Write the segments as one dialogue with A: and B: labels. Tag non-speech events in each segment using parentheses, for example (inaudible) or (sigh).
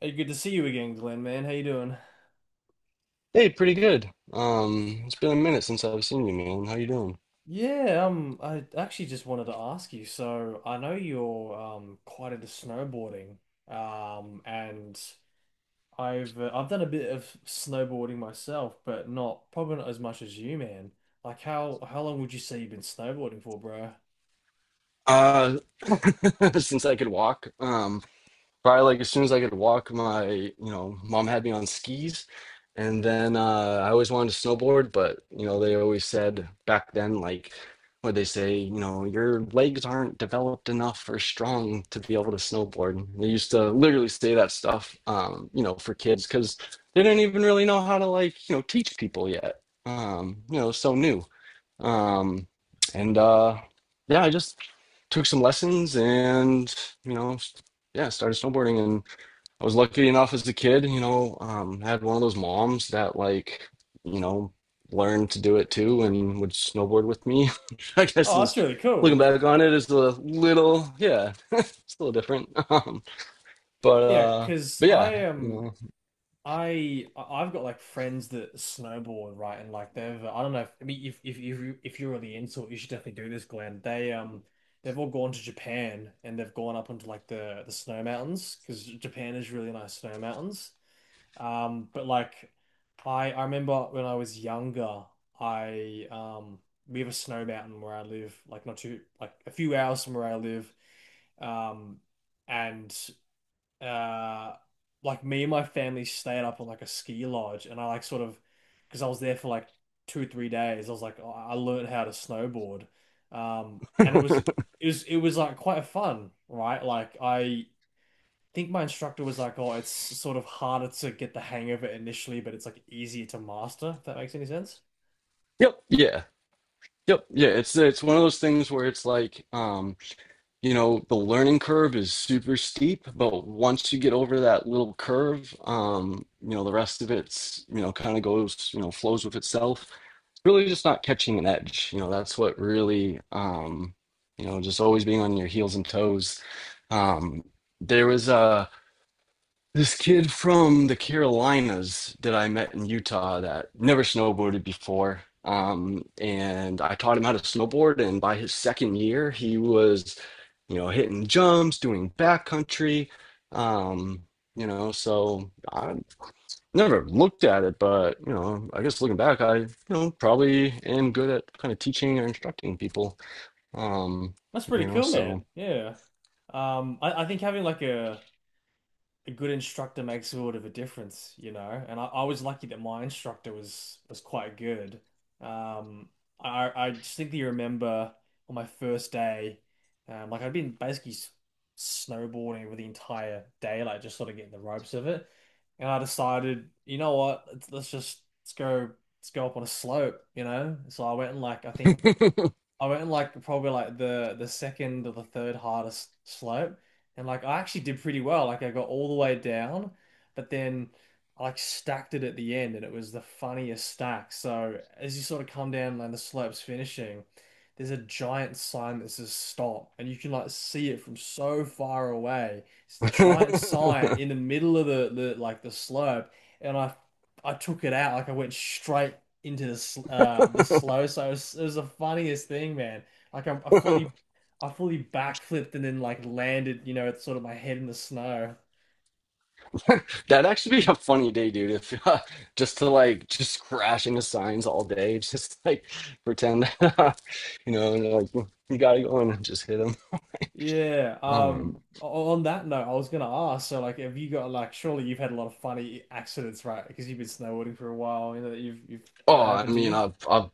A: Hey, good to see you again, Glenn, man. How you doing?
B: Hey, pretty good. It's been a minute since I've seen you, man. How you doing?
A: Yeah, I actually just wanted to ask you. So I know you're quite into snowboarding, and I've done a bit of snowboarding myself, but not probably not as much as you, man. Like how long would you say you've been snowboarding for, bro?
B: Uh, (laughs) since I could walk. Probably like as soon as I could walk, my mom had me on skis, and then I always wanted to snowboard, but you know they always said back then like what they say, you know your legs aren't developed enough or strong to be able to snowboard. They used to literally say that stuff, you know, for kids because they didn't even really know how to like teach people yet. You know, so new. Um, and yeah, I just took some lessons and, you know, yeah, started snowboarding. And I was lucky enough as a kid, you know, I had one of those moms that, like, you know, learned to do it too and would snowboard with me. (laughs) I guess
A: Oh,
B: is
A: that's really
B: looking
A: cool.
B: back on it is a little, yeah, (laughs) it's a little different. (laughs) But,
A: Yeah,
B: uh,
A: because
B: but
A: I
B: yeah, you
A: am.
B: know,
A: Have got like friends that snowboard, right? And like they've I don't know, if I mean if you if you're really into it, you should definitely do this, Glenn. They've all gone to Japan, and they've gone up into like the snow mountains because Japan is really nice snow mountains. But like I remember when I was younger, I we have a snow mountain where I live, like not too, like a few hours from where I live. Um, and uh like me and my family stayed up on like a ski lodge, and I, like, sort of, because I was there for like 2 3 days, I was like I learned how to snowboard, and it was, it was like quite fun, right? Like I think my instructor was like, oh, it's sort of harder to get the hang of it initially, but it's like easier to master, if that makes any sense.
B: yep, yeah, yep, yeah. It's one of those things where it's like, you know, the learning curve is super steep, but once you get over that little curve, you know, the rest of it's, you know, kind of goes, you know, flows with itself. It's really just not catching an edge. You know, that's what really, you know, just always being on your heels and toes. Um, there was a this kid from the Carolinas that I met in Utah that never snowboarded before. And I taught him how to snowboard. And by his second year, he was, you know, hitting jumps, doing backcountry. Um, you know, so I never looked at it, but, you know, I guess looking back, I, you know, probably am good at kind of teaching or instructing people. Um,
A: That's pretty
B: you know,
A: cool,
B: so.
A: man. Yeah I think having like a good instructor makes sort of a difference, you know. And I was lucky that my instructor was quite good. Um, I distinctly remember on my first day, like I'd been basically snowboarding for the entire day, like just sort of getting the ropes of it. And I decided, you know what, let's go up on a slope, you know. So I went and like I think I went like probably like the second or the third hardest slope, and like I actually did pretty well. Like I got all the way down, but then I like stacked it at the end, and it was the funniest stack. So as you sort of come down and the slope's finishing, there's a giant sign that says stop, and you can like see it from so far away. It's a giant sign in the middle of the slope, and I took it out. Like I went straight into the the slow.
B: (laughs)
A: So it was the funniest thing, man. Like I fully backflipped and then like landed, you know, it's sort of my head in the snow.
B: That'd actually be a funny day, dude. If (laughs) just to like just crash into signs all day, (laughs) just like pretend (laughs) you know, and like you gotta go in and just hit them.
A: Yeah.
B: Um,
A: On that note, I was gonna ask. So like, have you got like? Surely you've had a lot of funny accidents, right? Because you've been snowboarding for a while. You know that you've
B: oh, I
A: happened to
B: mean,
A: you.
B: I've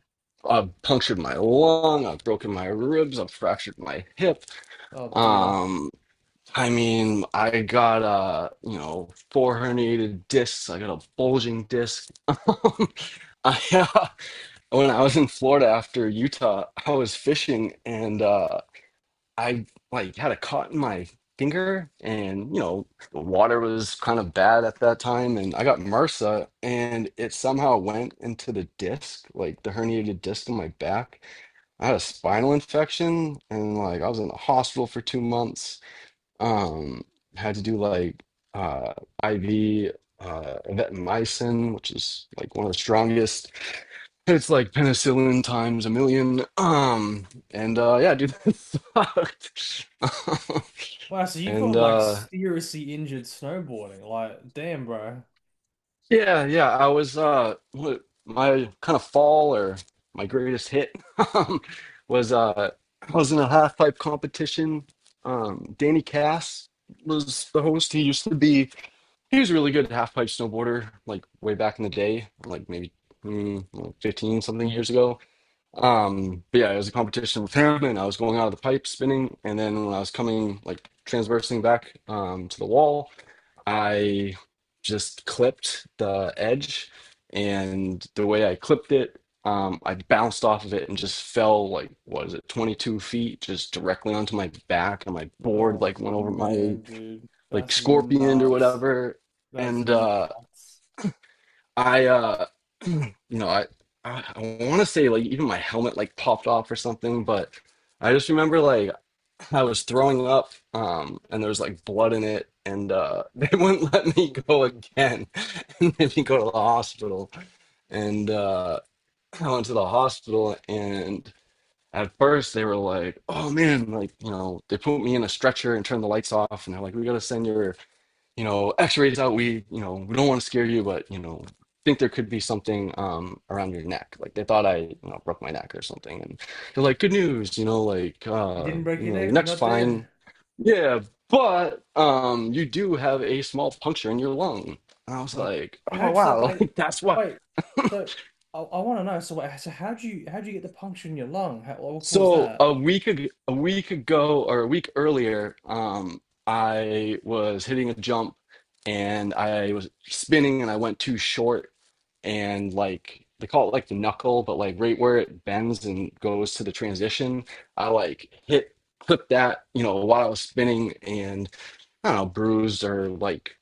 B: I've punctured my lung, I've broken my ribs, I've fractured my hip.
A: Oh dear.
B: Um, I mean, I got you know, four herniated discs. I got a bulging disc. (laughs) I When I was in Florida after Utah, I was fishing and. I like had a cut in my finger, and you know the water was kind of bad at that time and I got MRSA and it somehow went into the disc like the herniated disc in my back. I had a spinal infection, and like I was in the hospital for 2 months. Um Had to do like uh IV evancomycin, which is like one of the strongest, it's like penicillin times a million. And yeah, dude, (laughs) that sucked.
A: Wow. So
B: (laughs)
A: you've
B: And
A: gotten like seriously injured snowboarding. Like, damn, bro.
B: yeah, yeah, I was what my kind of fall or my greatest hit (laughs) um was I was in a half pipe competition. Danny Cass was the host. He used to be he was a really good half pipe snowboarder like way back in the day, like maybe 15 something years ago. But yeah, it was a competition with him, and I was going out of the pipe spinning, and then when I was coming like transversing back to the wall, I just clipped the edge, and the way I clipped it, I bounced off of it and just fell like what is it, 22 feet, just directly onto my back, and my board
A: Oh
B: like went over my
A: man, dude,
B: like
A: that's
B: scorpion or
A: nuts.
B: whatever,
A: That's
B: and.
A: nuts.
B: I you know, I want to say like even my helmet like popped off or something, but I just remember like I was throwing up, and there was like blood in it, and (laughs) they wouldn't let me go again, (laughs) and made me go to the hospital, and I went to the hospital, and at first they were like, "Oh man, like you know," they put me in a stretcher and turned the lights off, and they're like, "We gotta send your." You know, x-rays out. We, you know, we don't want to scare you, but, you know, think there could be something around your neck. Like they thought I, you know, broke my neck or something. And they're like, good news, you know, like
A: You didn't break
B: you
A: your
B: know, your
A: neck. You're
B: neck's
A: not dead.
B: fine. Yeah, but you do have a small puncture in your lung. And I was
A: Oh,
B: like, oh
A: how? So
B: wow, (laughs)
A: wait,
B: like that's what.
A: wait. So I want to know. So wait. So how do you get the puncture in your lung? How, what would cause
B: So
A: that?
B: a week ago or a week earlier, I was hitting a jump and I was spinning and I went too short, and like they call it like the knuckle, but like right where it bends and goes to the transition, I like hit clip that, you know, while I was spinning, and I don't know, bruised or like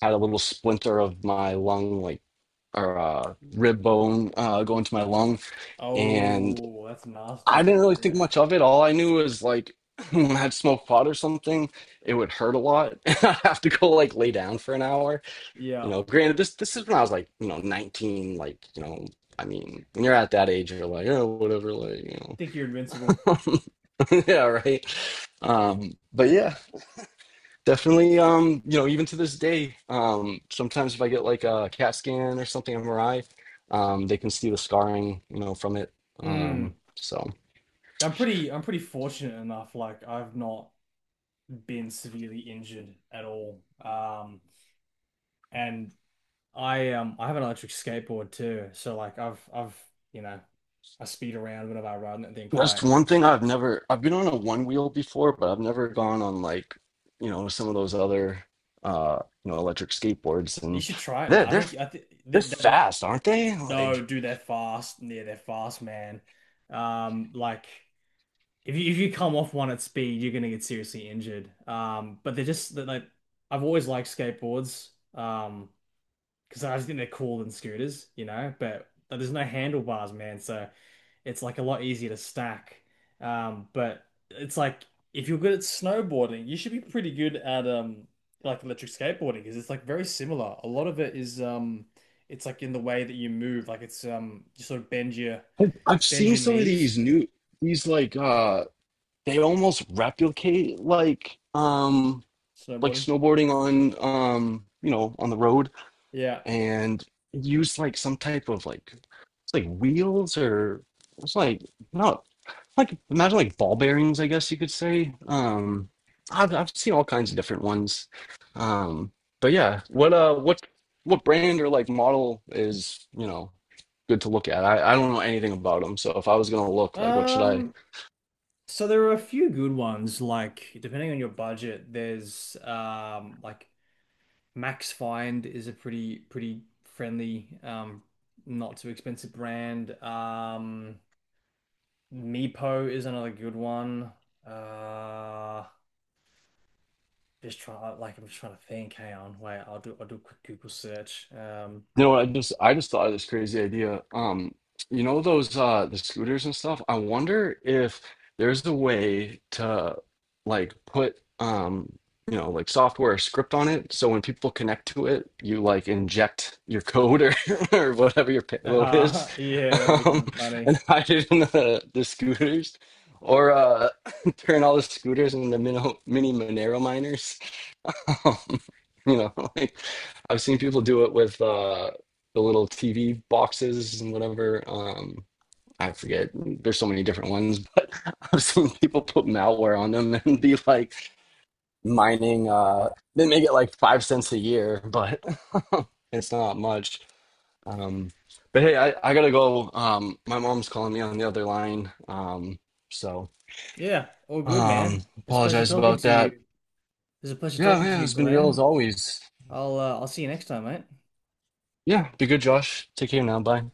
B: had a little splinter of my lung, like or rib bone going to my lung. And
A: Oh, that's
B: I
A: nasty.
B: didn't really think
A: Yeah.
B: much of it. All I knew was like (laughs) when I had smoked pot or something, it would hurt a lot. (laughs) And I'd have to go like lay down for an hour.
A: Yeah.
B: You know, granted, this is when I was like, you know, 19, like, you know, I mean, when you're at that age, you're like, oh, whatever, like, you
A: Think you're invincible.
B: know. (laughs) Yeah, right. But yeah, definitely, you know, even to this day, sometimes if I get like a CAT scan or something, MRI, they can see the scarring, you know, from it.
A: Mm.
B: Um, so
A: I'm pretty fortunate enough. Like I've not been severely injured at all. And I have an electric skateboard too. So like I've you know I speed around whenever I ride, and that
B: that's
A: quite,
B: one thing I've never, I've been on a one wheel before, but I've never gone on like, you know, some of those other, uh, you know, electric skateboards
A: you
B: and.
A: should try it, man.
B: they're.
A: I
B: they're
A: think I think
B: They're
A: that, that
B: fast, aren't they?
A: no,
B: Like
A: do their fast. Yeah, they're fast, man. Um, like if you if you come off one at speed, you're gonna get seriously injured. But they're just they're like, I've always liked skateboards. Um, because I just think they're cooler than scooters, you know. But There's no handlebars, man. So it's like a lot easier to stack. But It's like if you're good at snowboarding, you should be pretty good at like electric skateboarding, because it's like very similar. A lot of it is it's like in the way that you move, like it's you sort of
B: I've
A: bend
B: seen
A: your
B: some of
A: knees
B: these new these like they almost replicate like
A: snowboarding.
B: snowboarding on you know on the road,
A: Yeah.
B: and use like some type of like it's like wheels or it's like no like imagine like ball bearings I guess you could say. I've seen all kinds of different ones. um but yeah, what brand or like model is, you know, good to look at. I don't know anything about them, so if I was gonna look, like, what should I?
A: Um so there are a few good ones, like depending on your budget, there's like Max Find is a pretty friendly, not too expensive brand. Meepo is another good one. Uh, just trying, like, I'm just trying to think. Hang on, wait, I'll do a quick Google search.
B: You know, what, I just thought of this crazy idea. You know those the scooters and stuff. I wonder if there's a way to like put you know like software or script on it, so when people connect to it, you like inject your code or (laughs) or whatever your
A: (laughs)
B: payload is,
A: Aha, yeah, that'd be kind
B: um,
A: of funny.
B: and (laughs) hide it in the scooters. Or (laughs) turn all the scooters into mini Monero miners. Um, (laughs) you know, like I've seen people do it with the little TV boxes and whatever. I forget. There's so many different ones, but (laughs) I've seen people put malware on them and be like mining. They make it like 5 cents a year, but (laughs) it's not much. Um, but hey, I gotta go. My mom's calling me on the other line. So
A: Yeah, all good, man. It's a pleasure
B: apologize
A: talking
B: about
A: to
B: that.
A: you. It's a pleasure
B: Yeah,
A: talking to
B: yeah,
A: you,
B: it's been real as
A: Glenn.
B: always.
A: I'll see you next time, mate.
B: Yeah, be good, Josh. Take care now. Bye.